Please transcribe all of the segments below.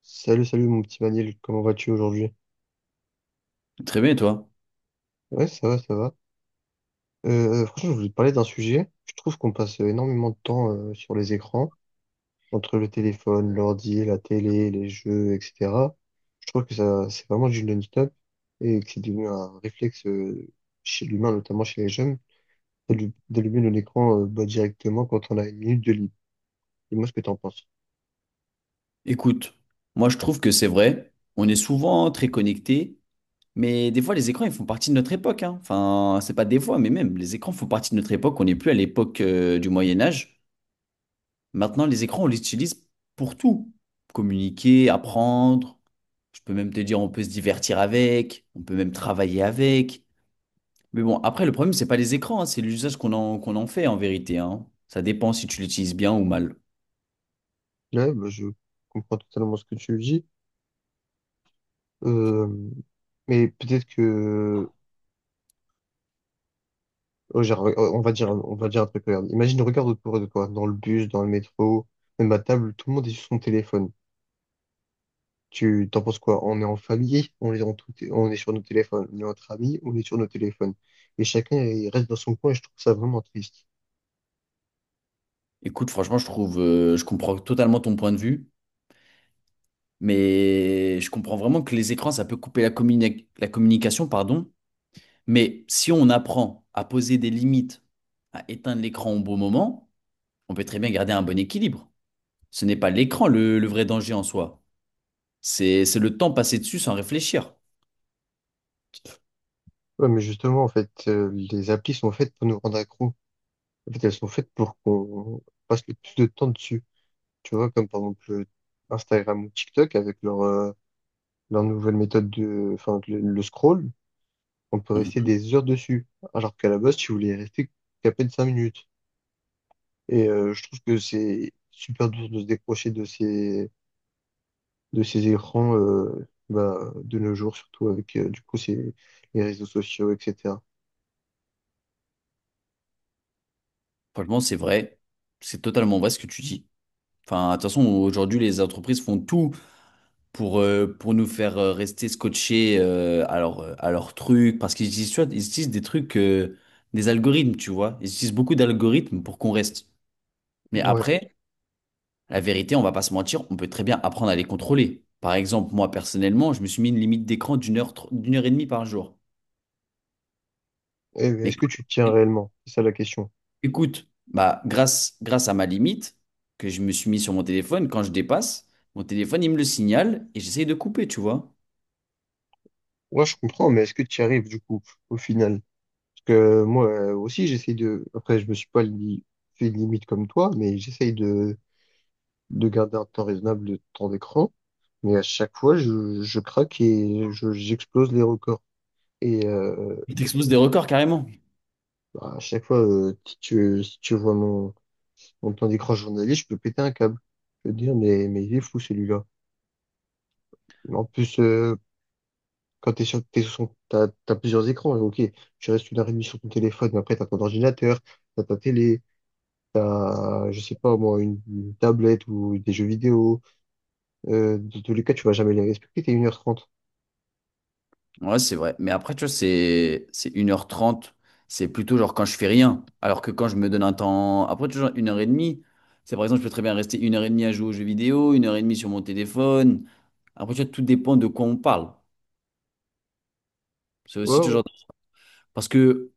Salut, salut mon petit Maniel, comment vas-tu aujourd'hui? Très bien, et toi? Ouais, ça va, ça va. Franchement, je voulais te parler d'un sujet. Je trouve qu'on passe énormément de temps sur les écrans, entre le téléphone, l'ordi, la télé, les jeux, etc. Je trouve que ça, c'est vraiment du non-stop et que c'est devenu un réflexe chez l'humain, notamment chez les jeunes, d'allumer nos écrans bah, directement quand on a une minute de libre. Dis-moi ce que t'en penses. Écoute, moi je trouve que c'est vrai, on est souvent très connectés, mais des fois les écrans ils font partie de notre époque, hein. Enfin, c'est pas des fois, mais même les écrans font partie de notre époque, on n'est plus à l'époque du Moyen Âge. Maintenant, les écrans, on les utilise pour tout. Communiquer, apprendre, je peux même te dire on peut se divertir avec, on peut même travailler avec. Mais bon, après le problème, c'est pas les écrans, hein, c'est l'usage qu'on en fait en vérité, hein. Ça dépend si tu l'utilises bien ou mal. Là, bah, je comprends totalement ce que tu dis. Euh, mais peut-être que. Oh, genre, on va dire un truc, regarde. Imagine, regarde autour de toi, dans le bus, dans le métro, même à table, tout le monde est sur son téléphone. Tu t'en penses quoi? On est en famille, on est en tout, on est sur nos téléphones. On est entre amis, on est sur nos téléphones. Et chacun il reste dans son coin et je trouve ça vraiment triste. Écoute, franchement, je trouve, je comprends totalement ton point de vue. Mais je comprends vraiment que les écrans, ça peut couper la communication, pardon. Mais si on apprend à poser des limites, à éteindre l'écran au bon moment, on peut très bien garder un bon équilibre. Ce n'est pas le vrai danger en soi. C'est le temps passé dessus sans réfléchir. Ouais, mais justement, en fait, les applis sont faites pour nous rendre accros. En fait, elles sont faites pour qu'on passe le plus de temps dessus. Tu vois, comme par exemple Instagram ou TikTok avec leur nouvelle méthode de, enfin, le scroll. On peut rester Mhm. des heures dessus, alors qu'à la base, tu voulais y rester qu'à peine 5 minutes. Et je trouve que c'est super dur de se décrocher de ces écrans bah, de nos jours, surtout avec du coup les réseaux sociaux, etc. Franchement, c'est vrai. C'est totalement vrai ce que tu dis. Enfin, de toute façon, aujourd'hui, les entreprises font tout pour nous faire rester scotchés à à leur truc. Parce qu'ils utilisent, tu vois, ils utilisent des des algorithmes, tu vois. Ils utilisent beaucoup d'algorithmes pour qu'on reste. Mais Ouais. après, la vérité, on va pas se mentir, on peut très bien apprendre à les contrôler. Par exemple, moi, personnellement, je me suis mis une limite d'écran d'une heure, d'une heure et demie par jour. Et Mais est-ce que tu tiens réellement? C'est ça la question. écoute, bah, grâce à ma limite que je me suis mis sur mon téléphone, quand je dépasse, mon téléphone, il me le signale et j'essaye de couper, tu vois. Ouais, je comprends, mais est-ce que tu y arrives du coup au final? Parce que moi aussi, j'essaye de. Après, je me suis pas li- fait de limite comme toi, mais j'essaye de garder un temps raisonnable de temps d'écran. Mais à chaque fois, je craque et j'explose les records. Et Il t'expose des records carrément. bah, à chaque fois, si tu vois mon temps d'écran journalier, je peux péter un câble. Je peux te dire, mais il est fou celui-là. En plus, quand t'as plusieurs écrans, ok, tu restes une heure et demie sur ton téléphone, mais après t'as ton ordinateur, t'as ta télé, t'as, je sais pas moi, une tablette ou des jeux vidéo. De tous les cas, tu vas jamais les respecter, t'es une heure trente. Ouais, c'est vrai. Mais après, tu vois, c'est une heure trente. C'est plutôt genre quand je fais rien. Alors que quand je me donne un temps. Après, tu vois, genre 1h30. C'est par exemple, je peux très bien rester une heure et demie à jouer aux jeux vidéo, une heure et demie sur mon téléphone. Après, tu vois, tout dépend de quoi on parle. C'est Ouais, aussi toujours. ouais, Parce que,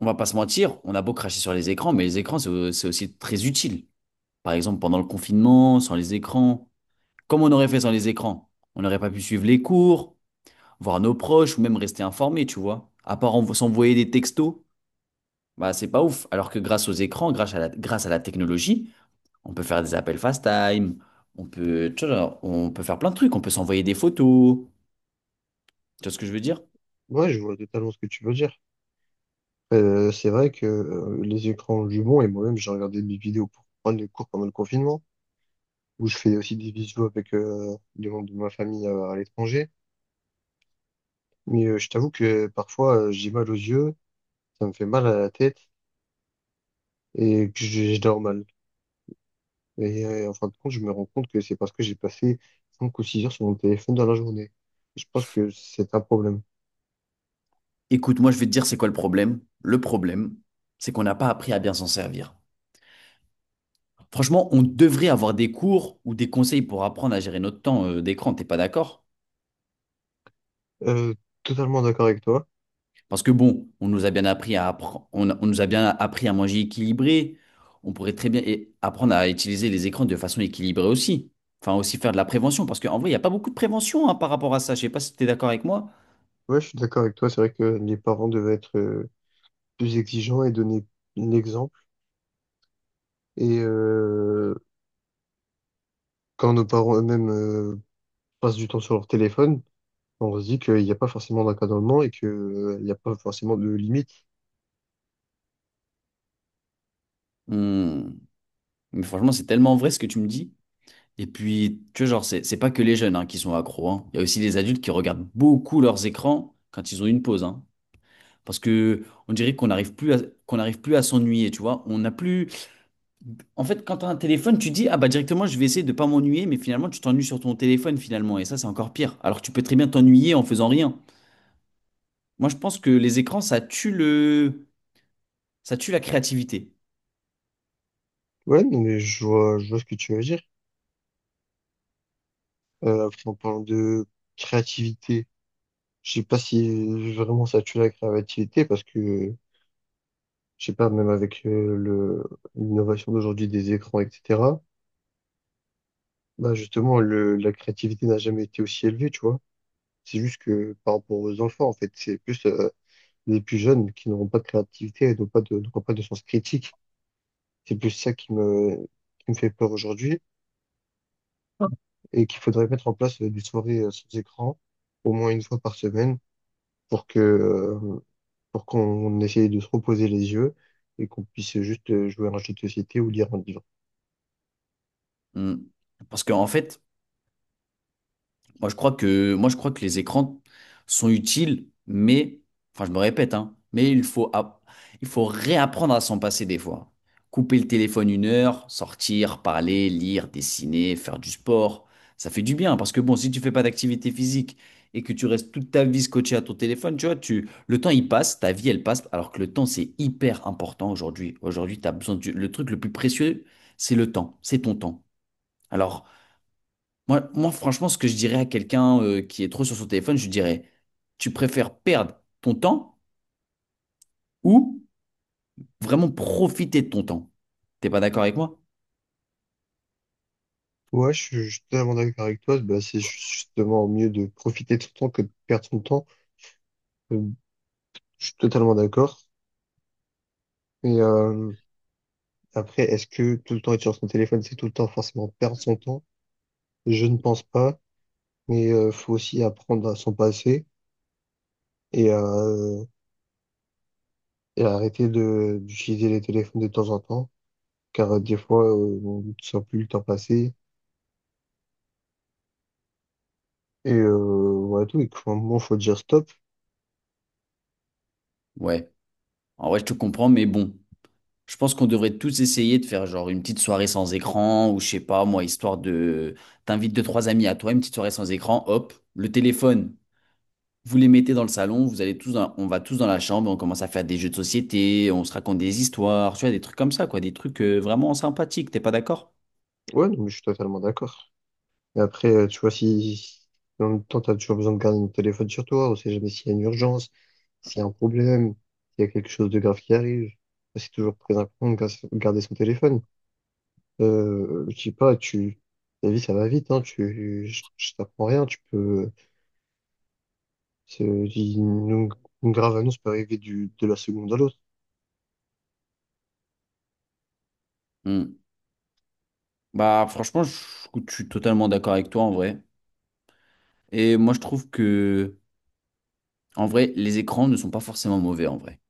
on va pas se mentir, on a beau cracher sur les écrans, mais les écrans, c'est aussi très utile. Par exemple, pendant le confinement, sans les écrans. Comme on aurait fait sans les écrans? On n'aurait pas pu suivre les cours, voir nos proches ou même rester informé, tu vois. À part s'envoyer des textos. Bah, c'est pas ouf. Alors que grâce aux écrans, grâce à la technologie, on peut faire des appels FaceTime, on peut, tu vois, genre, on peut faire plein de trucs, on peut s'envoyer des photos. Tu vois ce que je veux dire? ouais, je vois totalement ce que tu veux dire. C'est vrai que les écrans ont du bon, et moi-même, j'ai regardé des vidéos pour prendre les cours pendant le confinement, où je fais aussi des visios avec des membres de ma famille à l'étranger. Mais je t'avoue que parfois, j'ai mal aux yeux, ça me fait mal à la tête, et que je dors mal. Et en fin de compte, je me rends compte que c'est parce que j'ai passé 5 ou 6 heures sur mon téléphone dans la journée. Je pense que c'est un problème. Écoute, moi, je vais te dire c'est quoi le problème. Le problème, c'est qu'on n'a pas appris à bien s'en servir. Franchement, on devrait avoir des cours ou des conseils pour apprendre à gérer notre temps d'écran. T'es pas d'accord? Euh, Totalement d'accord avec toi. Parce que bon, on nous a bien appris à appre- on, a- on nous a bien appris à manger équilibré. On pourrait très bien apprendre à utiliser les écrans de façon équilibrée aussi. Enfin, aussi faire de la prévention. Parce qu'en vrai, il n'y a pas beaucoup de prévention hein, par rapport à ça. Je sais pas si tu es d'accord avec moi. Ouais, je suis d'accord avec toi. C'est vrai que les parents devaient être plus exigeants et donner l'exemple. Et quand nos parents eux-mêmes passent du temps sur leur téléphone, on se dit qu'il n'y a pas forcément d'encadrement et il n'y a pas forcément de limite. Hmm. Mais franchement, c'est tellement vrai ce que tu me dis. Et puis, tu vois, genre, c'est pas que les jeunes hein, qui sont accros. Hein. Il y a aussi les adultes qui regardent beaucoup leurs écrans quand ils ont une pause. Hein. Parce que on dirait qu'on n'arrive plus à s'ennuyer, tu vois. On n'a plus. En fait, quand tu as un téléphone, tu dis, ah bah directement, je vais essayer de pas m'ennuyer, mais finalement, tu t'ennuies sur ton téléphone finalement, et ça, c'est encore pire. Alors que tu peux très bien t'ennuyer en faisant rien. Moi, je pense que les écrans, ça tue la créativité. Ouais, non, mais je vois ce que tu veux dire. Après, en parlant de créativité. Je sais pas si vraiment ça tue la créativité parce que, je sais pas, même avec l'innovation d'aujourd'hui des écrans, etc., bah justement, la créativité n'a jamais été aussi élevée, tu vois. C'est juste que par rapport aux enfants, en fait, c'est plus les plus jeunes qui n'auront pas de créativité et n'auront pas de sens critique. C'est plus ça qui me fait peur aujourd'hui et qu'il faudrait mettre en place des soirées sans écran au moins une fois par semaine pour que, euh, pour qu'on essaye de se reposer les yeux et qu'on puisse juste jouer à un jeu de société ou lire un livre. Hmm. Parce qu'en fait, moi, je crois que les écrans sont utiles, mais, enfin, je me répète, hein, mais il faut réapprendre à s'en passer des fois. Couper le téléphone une heure, sortir, parler, lire, dessiner, faire du sport, ça fait du bien. Parce que bon, si tu fais pas d'activité physique et que tu restes toute ta vie scotché à ton téléphone, tu vois, tu, le temps il passe, ta vie elle passe, alors que le temps c'est hyper important aujourd'hui. Aujourd'hui, tu as besoin du, le truc le plus précieux, c'est ton temps. Alors, moi, franchement, ce que je dirais à quelqu'un qui est trop sur son téléphone, je lui dirais, tu préfères perdre ton temps ou vraiment profiter de ton temps? T'es pas d'accord avec moi? Ouais, je suis totalement d'accord avec toi. Bah, c'est justement mieux de profiter de son temps que de perdre son temps. Euh, Je suis totalement d'accord. Et après, est-ce que tout le temps être sur son téléphone, c'est tout le temps forcément perdre son temps? Je ne pense pas. Mais faut aussi apprendre à s'en passer et, euh, et arrêter de d'utiliser les téléphones de temps en temps, car des fois, on ne sent plus le temps passer. Et ouais, tout, et qu'à un moment, faut dire stop. Ouais. En vrai, je te comprends, mais bon, je pense qu'on devrait tous essayer de faire genre une petite soirée sans écran ou je sais pas, moi, T'invites deux, trois amis à toi, une petite soirée sans écran, hop, le téléphone, vous les mettez dans le salon, vous allez tous dans- on va tous dans la chambre, on commence à faire des jeux de société, on se raconte des histoires, tu vois, des trucs comme ça, quoi, des trucs vraiment sympathiques, t'es pas d'accord? Ouais, non, mais je suis totalement d'accord. Et après, tu vois, si en même temps, t'as toujours besoin de garder le téléphone sur toi, on sait jamais s'il y a une urgence, s'il y a un problème, s'il y a quelque chose de grave qui arrive. Bah, c'est toujours très important de garder son téléphone. Je dis pas, la vie, ça va vite, hein, je t'apprends rien, tu peux, euh, c'est- une, une grave annonce peut arriver de la seconde à l'autre. Hmm. Bah je suis totalement d'accord avec toi en vrai. Et moi je trouve que en vrai, les écrans ne sont pas forcément mauvais en vrai.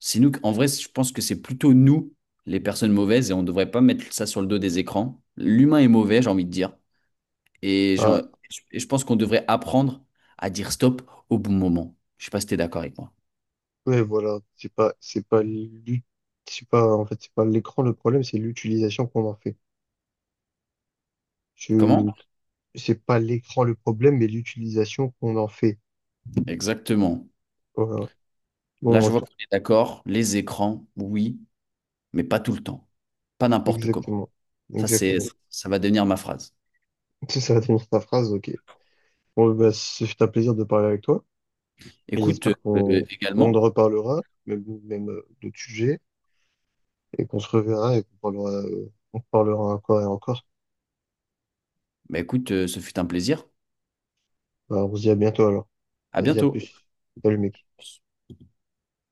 Je pense que c'est plutôt nous, les personnes mauvaises, et on ne devrait pas mettre ça sur le dos des écrans. L'humain est mauvais, j'ai envie de dire. Et, genre- Bah, et je pense qu'on devrait apprendre à dire stop au bon moment. Je sais pas si t'es d'accord avec moi. ouais, voilà, c'est pas l'ut- c'est pas, en fait, c'est pas l'écran le problème, c'est l'utilisation qu'on en fait. Comment? Je, c'est pas l'écran le problème, mais l'utilisation qu'on en fait. Exactement. Voilà. Là, Bon, je vois qu'on est d'accord. Les écrans, oui, mais pas tout le temps. Pas n'importe comment. exactement. Ça, c'est, Exactement. Ça va devenir ma phrase. C'est ça, c'est ta phrase, ok. Bon, bah, ce fut un plaisir de parler avec toi, et Écoute, j'espère qu'on, qu'on en également, reparlera, même d'autres sujets, et qu'on se reverra et qu'on parlera, on parlera encore et encore. bah écoute, ce fut un plaisir. Bah, on se dit à bientôt alors. À Vas-y, à bientôt. plus. Salut, mec.